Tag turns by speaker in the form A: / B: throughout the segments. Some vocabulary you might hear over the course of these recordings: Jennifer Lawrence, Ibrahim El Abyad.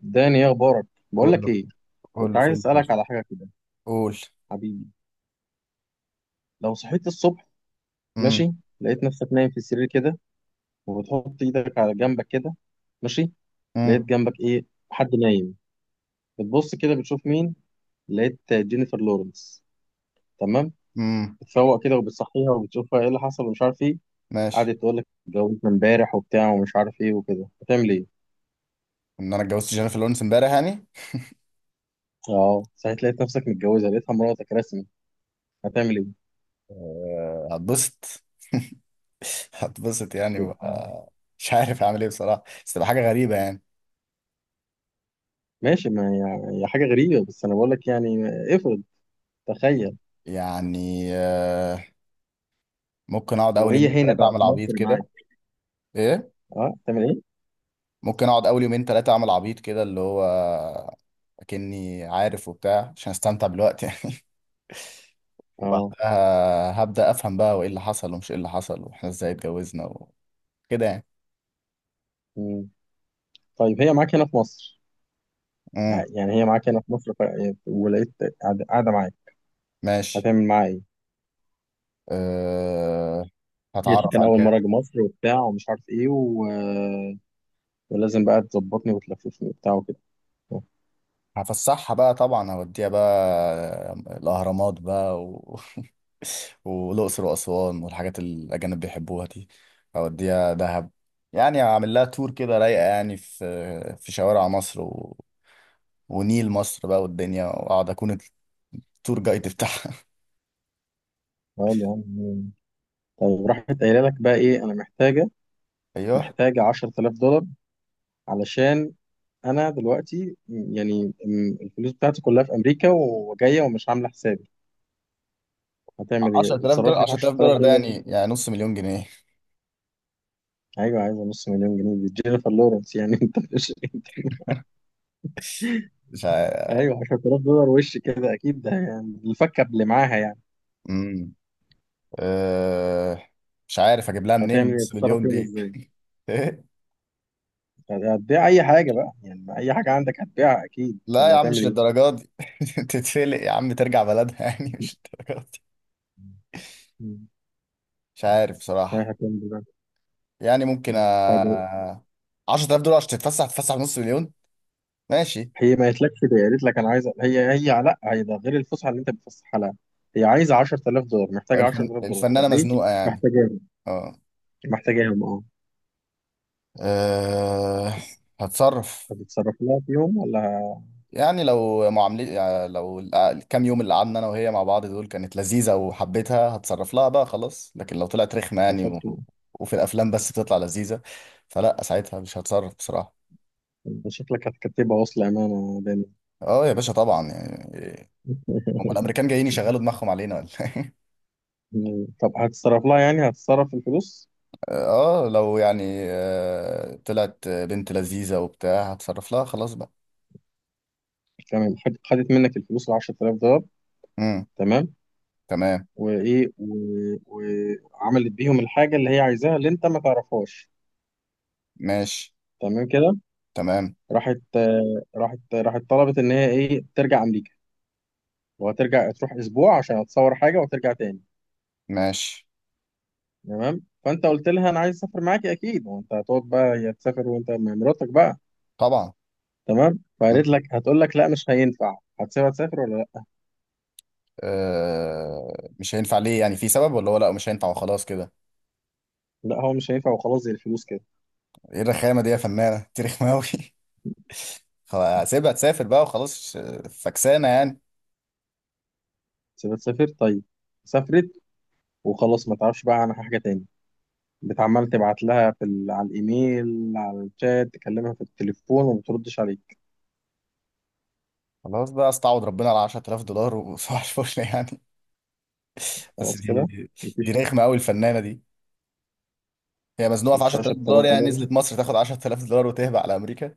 A: داني، ايه اخبارك؟ بقول لك
B: كله
A: ايه. كنت
B: كله
A: عايز
B: فل بس.
A: اسالك على حاجه كده،
B: قول.
A: حبيبي. لو صحيت الصبح،
B: امم
A: ماشي، لقيت نفسك نايم في السرير كده، وبتحط ايدك على جنبك كده، ماشي، لقيت
B: امم
A: جنبك ايه؟ حد نايم. بتبص كده بتشوف مين؟ لقيت جينيفر لورنس. تمام.
B: امم
A: بتفوق كده وبتصحيها وبتشوفها ايه اللي حصل ومش عارف ايه.
B: ماشي.
A: قعدت تقول لك اتجوزت من امبارح وبتاع ومش عارف ايه وكده. هتعمل ايه؟
B: ان انا اتجوزت جينيفر لورنس امبارح يعني.
A: اه، صحيت لقيت نفسك متجوزه، لقيتها مراتك رسمي. هتعمل ايه؟
B: آه، هتبسط. هتبسط يعني مش عارف اعمل ايه بصراحه، بس تبقى حاجه غريبه يعني.
A: ماشي. ما هي، هي حاجه غريبه، بس انا بقول لك يعني. افرض، تخيل
B: يعني آه، ممكن اقعد اول
A: وهي
B: يومين
A: هنا
B: ثلاثه
A: بقى
B: اعمل
A: في
B: عبيط
A: مصر
B: كده.
A: معاك.
B: ايه؟
A: اه، تعمل ايه؟
B: ممكن اقعد اول يومين ثلاثه اعمل عبيط كده، اللي هو اكني عارف وبتاع عشان استمتع بالوقت يعني.
A: اه.
B: وبعدها هبدا افهم بقى، وايه اللي حصل ومش ايه اللي حصل واحنا ازاي اتجوزنا كده يعني.
A: مم. طيب هي معاك هنا في مصر،
B: امم.
A: يعني هي معاك هنا في مصر ولقيت قاعدة معاك.
B: ماشي.
A: هتعمل معاها ايه؟
B: أه...
A: قالت لي
B: هتعرف
A: كان أول
B: عليها.
A: مرة أجي مصر وبتاع ومش عارف ايه ولازم بقى تظبطني وتلففني وبتاع وكده. آه.
B: هفسحها بقى طبعا، هوديها بقى آه، الأهرامات بقى والأقصر وأسوان والحاجات اللي الأجانب بيحبوها دي. هوديها دهب. يعني هعمل لها تور كده رايقة يعني في شوارع مصر ونيل مصر بقى والدنيا، وأقعد أكون التور جايد بتاعها.
A: طيب يا عم. مم. طيب راحت قايلة لك بقى ايه؟ أنا محتاجة
B: أيوه.
A: محتاجة 10000 دولار، علشان أنا دلوقتي الفلوس بتاعتي كلها في أمريكا وجاية ومش عاملة حسابي. هتعمل ايه؟
B: 10000
A: اتصرف
B: دولار
A: لي في
B: 10000
A: 10000
B: دولار ده
A: دولار
B: يعني يعني نص مليون جنيه.
A: ايوه، عايزه نص مليون جنيه، دي جينيفر لورنس يعني انت مش،
B: مش
A: ايوه 10000 دولار وش كده، اكيد ده يعني الفكه اللي معاها يعني.
B: عارف. أه، مش عارف اجيب لها منين
A: هتعمل ايه؟
B: النص
A: هتتصرف
B: مليون
A: فيهم
B: دي.
A: ازاي؟
B: إيه؟
A: هتبيع اي حاجه بقى يعني، اي حاجه عندك هتبيعها اكيد،
B: لا يا
A: ولا
B: عم،
A: هتعمل
B: مش
A: ايه؟
B: للدرجه دي. تتفلق يا عم، ترجع بلدها يعني، مش للدرجه دي.
A: مم.
B: مش عارف
A: هي
B: بصراحه.
A: هتعمل إيه بقى؟
B: يعني ممكن
A: مم. طيب
B: 10,000 دولار عشان تتفسح بنص مليون؟ ماشي.
A: هي ما قالتلكش ده، قالت لك انا عايزه، هي ده غير الفسحه اللي انت بتفسحها لها. هي عايزه 10000 دولار، محتاجه 10000 دولار. طب
B: الفنانه
A: ليه
B: مزنوقه يعني.
A: محتاجاهم؟
B: اه.
A: محتاجاهم، اه.
B: أه... هتصرف.
A: هتتصرف لها فيهم ولا؟
B: يعني لو معاملة، يعني لو الكام يوم اللي قعدنا انا وهي مع بعض دول كانت لذيذة وحبيتها، هتصرف لها بقى خلاص. لكن لو طلعت رخمة يعني
A: شكلك،
B: وفي الافلام بس بتطلع لذيذة، فلا، ساعتها مش هتصرف بصراحة.
A: شكلك هتكتبها وصل امانه.
B: اه يا باشا، طبعا يعني. هم الامريكان جايين يشغلوا دماغهم علينا ولا إيه؟
A: مم. طب هتتصرف لها يعني، هتتصرف الفلوس.
B: اه، لو يعني آه، طلعت بنت لذيذة وبتاع، هتصرف لها خلاص بقى.
A: تمام. خدت منك الفلوس ال 10000 دولار،
B: امم.
A: تمام،
B: تمام.
A: وايه وعملت بيهم الحاجه اللي هي عايزاها اللي انت ما تعرفهاش.
B: ماشي.
A: تمام كده.
B: تمام.
A: راحت، آه، راحت طلبت ان هي ايه، ترجع امريكا وهترجع، تروح اسبوع عشان هتصور حاجه وترجع تاني.
B: ماشي.
A: تمام. فانت قلت لها انا عايز اسافر معاكي اكيد، وانت هتقعد بقى، هي تسافر وانت مع مراتك بقى.
B: طبعا.
A: تمام. فقالت لك، هتقول لك لا مش هينفع، هتسيبها تسافر ولا لا؟
B: آه، مش هينفع ليه يعني؟ في سبب، ولا هو لا مش هينفع وخلاص كده؟
A: لا، هو مش هينفع وخلاص، زي الفلوس كده.
B: ايه الرخامه دي يا فنانه تاريخ ماوي؟ هسيبها تسافر بقى وخلاص. آه، فكسانه يعني.
A: سيبها تسافر طيب، سافرت وخلاص، ما تعرفش بقى عنها حاجه تاني. بتعمل تبعت لها على الايميل، على الشات، تكلمها في التليفون وما بتردش عليك.
B: خلاص بقى، استعوض ربنا على 10,000 دولار، وصباح الفل يعني. بس
A: خلاص
B: دي
A: كده،
B: دي
A: مفيش.
B: رخمه قوي الفنانه دي. هي مزنوقه في
A: مش
B: 10,000 دولار،
A: 10000
B: يعني
A: دولار
B: نزلت مصر تاخد 10,000 دولار وتهبى على امريكا.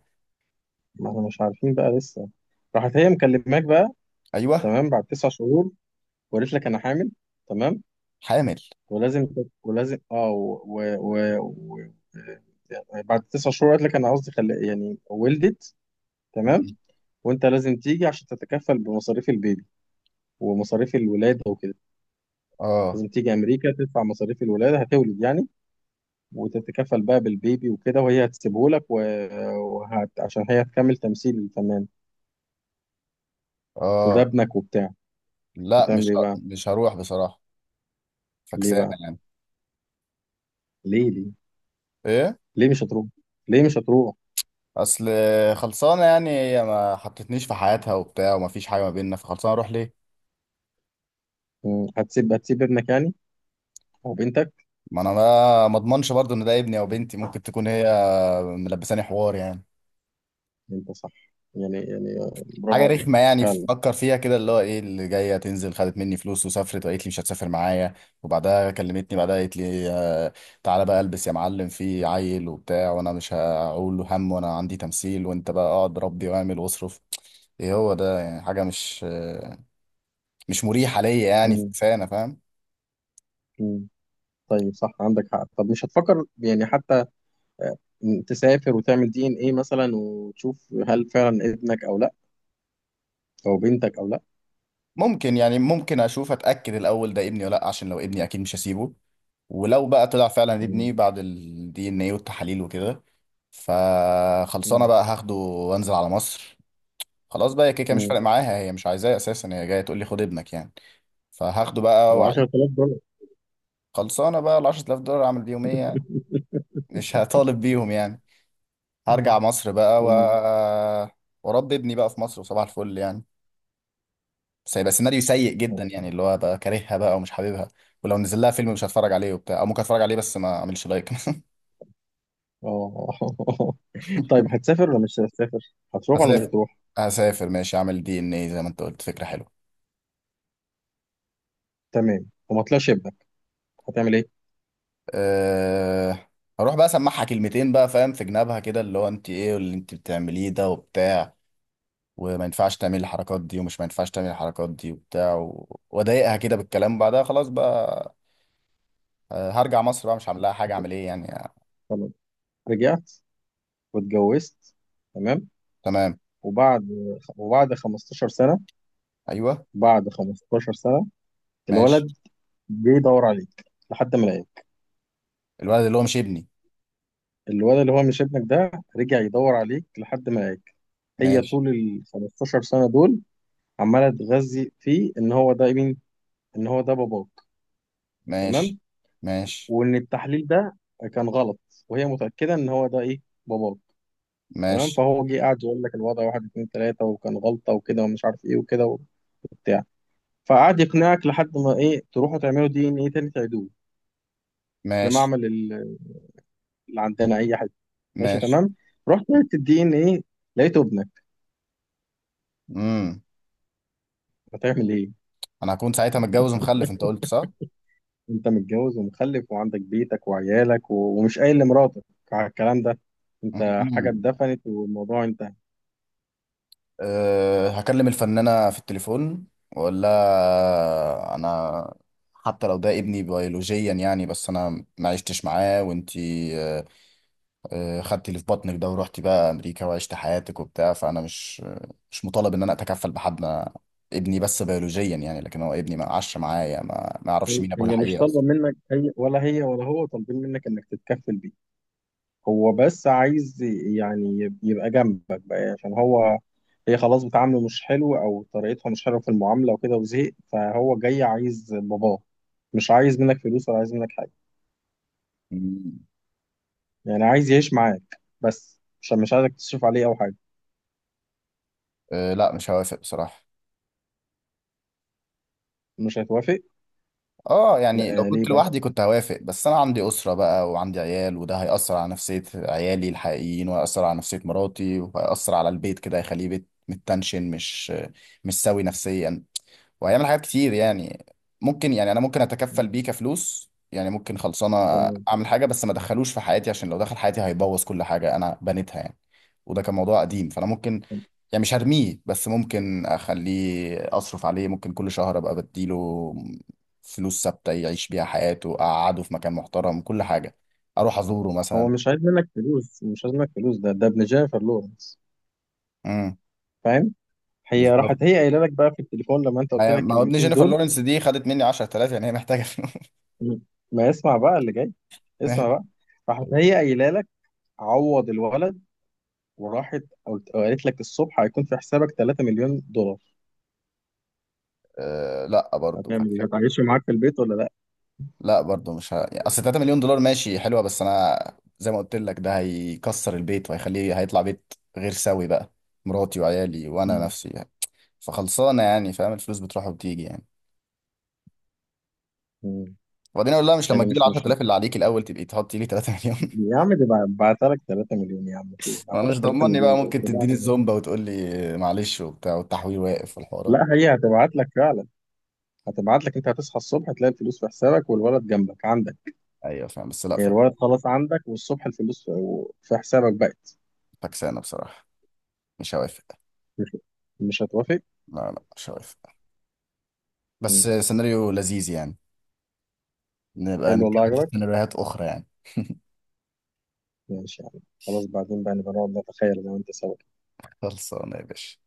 A: ما احنا مش عارفين بقى لسه. راحت هي مكلماك بقى،
B: ايوه.
A: تمام، بعد 9 شهور، وقالت لك انا حامل. تمام.
B: حامل.
A: ولازم ولازم اه بعد تسع شهور قالت لك، انا قصدي يعني ولدت. تمام. وانت لازم تيجي عشان تتكفل بمصاريف البيبي ومصاريف الولاده وكده.
B: اه.
A: لازم تيجي امريكا تدفع مصاريف الولاده، هتولد يعني، وتتكفل بقى بالبيبي وكده، وهي هتسيبه لك عشان هي هتكمل تمثيل الفنان، وده
B: اه،
A: ابنك وبتاع.
B: لا،
A: هتعمل ايه بقى؟
B: مش هروح بصراحه.
A: ليه
B: فكسانه
A: بقى؟
B: يعني.
A: ليه ليه
B: ايه؟
A: ليه مش هتروح؟ ليه مش هتروح؟
B: اصل خلصانه يعني. هي ما حطتنيش في حياتها وبتاع، وما فيش حاجه ما بيننا، فخلصانه، اروح ليه؟
A: مم. هتسيب، هتسيب ابنك يعني، او بنتك؟
B: ما انا ما اضمنش برضو ان ده ابني او بنتي، ممكن تكون هي ملبساني حوار يعني.
A: انت صح. يعني آه، برافو
B: حاجه
A: عليك.
B: رخمه يعني، فكر فيها كده، اللي هو ايه اللي جايه تنزل، خدت مني فلوس وسافرت وقالت لي مش هتسافر معايا، وبعدها كلمتني بعدها قالت لي آه، تعالى بقى البس يا معلم في عيل وبتاع، وانا مش هقول له هم وانا عندي تمثيل، وانت بقى اقعد ربي واعمل واصرف. ايه هو ده يعني؟ حاجه مش آه، مش مريحه ليا يعني،
A: مم.
B: فانا فاهم.
A: مم. طيب صح، عندك حق. طب مش هتفكر يعني حتى، آه، تسافر وتعمل دي ان ايه مثلا وتشوف هل فعلا ابنك او لا، او بنتك او لا؟
B: ممكن يعني، ممكن اشوف اتاكد الاول ده ابني ولا لا، عشان لو ابني اكيد مش هسيبه. ولو بقى طلع فعلا ابني
A: مم.
B: بعد الدي ان ايه والتحاليل وكده، فخلصانه بقى، هاخده وانزل على مصر. خلاص بقى، هي كيكه مش
A: مم.
B: فارق معاها، هي مش عايزاه اساسا، هي جايه تقول لي خد ابنك يعني، فهاخده بقى
A: طب
B: وعيد.
A: 10000 دولار؟
B: خلصانه بقى، ال 10,000 دولار اعمل بيهم ايه يعني؟ مش هطالب بيهم يعني. هرجع
A: مم.
B: مصر بقى
A: طيب.
B: واربي ابني بقى في مصر، وصباح الفل يعني. بس هيبقى سيناريو سيء
A: طب
B: جدا، يعني اللي هو بقى كارهها بقى ومش حاببها. ولو نزل لها فيلم مش هتفرج عليه وبتاع، او ممكن اتفرج عليه بس ما اعملش لايك.
A: اه. طيب هتسافر ولا مش هتسافر؟ هتروح ولا مش
B: هسافر.
A: هتروح؟
B: هسافر، ماشي، اعمل دي ان اي زي ما انت قلت، فكره حلوه.
A: تمام. وما طلعش ابنك، هتعمل ايه؟
B: أه... هروح بقى اسمعها كلمتين بقى فاهم، في جنابها كده اللي هو انت ايه، واللي انت بتعمليه ده وبتاع، وما ينفعش تعمل الحركات دي ومش ما ينفعش تعمل الحركات دي وبتاع، واضايقها كده بالكلام، بعدها خلاص بقى آه، هرجع مصر بقى، مش هعمل لها حاجه، اعمل ايه يعني آه.
A: خلاص، رجعت واتجوزت. تمام.
B: تمام.
A: وبعد وبعد 15 سنة،
B: ايوه.
A: بعد 15 سنة،
B: ماشي.
A: الولد جه يدور عليك لحد ما لقاك.
B: الولد اللي هو مش ابني.
A: الولد اللي هو مش ابنك ده، رجع يدور عليك لحد ما لقاك. هي
B: ماشي.
A: طول ال 15 سنة دول عمالة تغذي فيه، ان هو ده مين؟ ان هو ده باباك. تمام؟
B: ماشي. ماشي.
A: وان التحليل ده كان غلط، وهي متاكده ان هو ده ايه، باباك. تمام.
B: ماشي.
A: فهو جه قعد يقول لك الوضع واحد اتنين تلاته، وكان غلطه وكده ومش عارف ايه وكده وبتاع. فقعد يقنعك لحد ما ايه، تروحوا تعملوا دي ان ايه تاني، تعيدوه في
B: ماشي.
A: معمل اللي عندنا اي حد. ماشي
B: ماشي.
A: تمام. رحت عملت الدي ان ايه، لقيته ابنك.
B: امم.
A: هتعمل ايه؟
B: انا هكون ساعتها متجوز ومخلف، انت قلت صح.
A: انت متجوز ومخلف وعندك بيتك وعيالك ومش قايل لمراتك على الكلام ده، انت حاجه
B: مم.
A: اتدفنت والموضوع انتهى.
B: أه، هكلم الفنانة في التليفون واقول لها انا حتى لو ده ابني بيولوجيا يعني، بس انا ما عشتش معاه وانتي أه آه، خدتي اللي في بطنك ده ورحتي بقى امريكا وعشت حياتك وبتاع، فانا مش مطالب ان انا اتكفل بحد. أنا ابني بس بيولوجيا يعني، لكن هو ابني ما عاش معايا، ما يعرفش مين ابوه
A: هي مش
B: الحقيقي
A: طالبة منك أي، ولا هي ولا هو طالبين منك إنك تتكفل بيه. هو بس عايز يعني، يبقى جنبك بقى، عشان هو، هي خلاص بتعامله مش حلو أو طريقتها مش حلوة في المعاملة وكده وزهق، فهو جاي عايز باباه. مش عايز منك فلوس ولا عايز منك حاجة،
B: اصلا.
A: يعني عايز يعيش معاك بس، عشان مش عايزك تصرف عليه أو حاجة.
B: أه لا، مش هوافق بصراحة.
A: مش هتوافق؟
B: اه يعني لو
A: لا آه، ليه
B: كنت
A: بقى؟
B: لوحدي كنت هوافق، بس انا عندي اسرة بقى وعندي عيال، وده هيأثر على نفسية عيالي الحقيقيين، وهيأثر على نفسية مراتي، وهيأثر على البيت كده، هيخليه بيت متنشن، مش سوي نفسيا. وهيعمل حاجات كتير يعني. ممكن يعني انا ممكن اتكفل بيه كفلوس يعني، ممكن خلصانه
A: تمام.
B: اعمل حاجه، بس ما ادخلوش في حياتي، عشان لو دخل حياتي هيبوظ كل حاجه انا بنيتها يعني. وده كان موضوع قديم، فانا ممكن يعني، مش هرميه، بس ممكن اخليه اصرف عليه. ممكن كل شهر ابقى بديله فلوس ثابته يعيش بيها حياته، اقعده في مكان محترم، كل حاجه، اروح ازوره
A: هو
B: مثلا.
A: مش عايز منك فلوس، مش عايز منك فلوس، ده ابن جينيفر لورنس.
B: امم.
A: فاهم؟ هي راحت
B: بالظبط.
A: هي قايله لك بقى في التليفون لما انت قلت لك
B: ما هو ابن
A: الكلمتين
B: جينيفر
A: دول.
B: لورنس دي خدت مني 10,000 يعني، هي محتاجه فلوس.
A: مم. ما اسمع بقى اللي جاي، اسمع
B: ماشي.
A: بقى. راحت هي قايله لك، عوض الولد، وراحت قالت لك الصبح هيكون في حسابك 3 مليون دولار.
B: آه، لا برضه.
A: هتعمل ايه؟ هتعيشه معاك في البيت ولا لا؟
B: لا برضو مش ه... يعني اصل 3 مليون دولار ماشي حلوة، بس انا زي ما قلت لك، ده هيكسر البيت، وهيخليه هيطلع بيت غير سوي بقى، مراتي وعيالي وانا
A: مم.
B: نفسي يعني. فخلصانة يعني، فاهم، الفلوس بتروح وبتيجي يعني.
A: مم.
B: وبعدين اقول لها مش لما
A: يعني
B: تجيب ال
A: مش
B: 10,000 اللي عليك الاول، تبقي تحطي لي 3 مليون.
A: يا عم، دي بعتها لك 3 مليون يا عم، في ايه، بعتها
B: وانا
A: لك
B: مش
A: 3
B: ضمني
A: مليون
B: بقى،
A: دي،
B: ممكن
A: بتضيع في
B: تديني
A: الغرب.
B: الزومبا وتقول لي معلش وبتاع، والتحويل واقف والحوارات
A: لا،
B: دي.
A: هي هتبعت لك فعلا، هتبعت لك. انت هتصحى الصبح هتلاقي الفلوس في حسابك والولد جنبك عندك.
B: ايوه فاهم، بس لا
A: هي الولد خلاص عندك، والصبح الفلوس في، في حسابك بقى.
B: فكسانة بصراحة. مش هوافق.
A: مش مش هتوافق.
B: لا لا، مش هوافق. بس
A: مم.
B: سيناريو لذيذ يعني، نبقى
A: حلو، والله
B: نتكلم في
A: عجبك،
B: سيناريوهات اخرى يعني.
A: ماشي يعني. خلاص بعدين بقى نبقى نقعد نتخيل انا وانت سوا.
B: خلصانة يا باشا.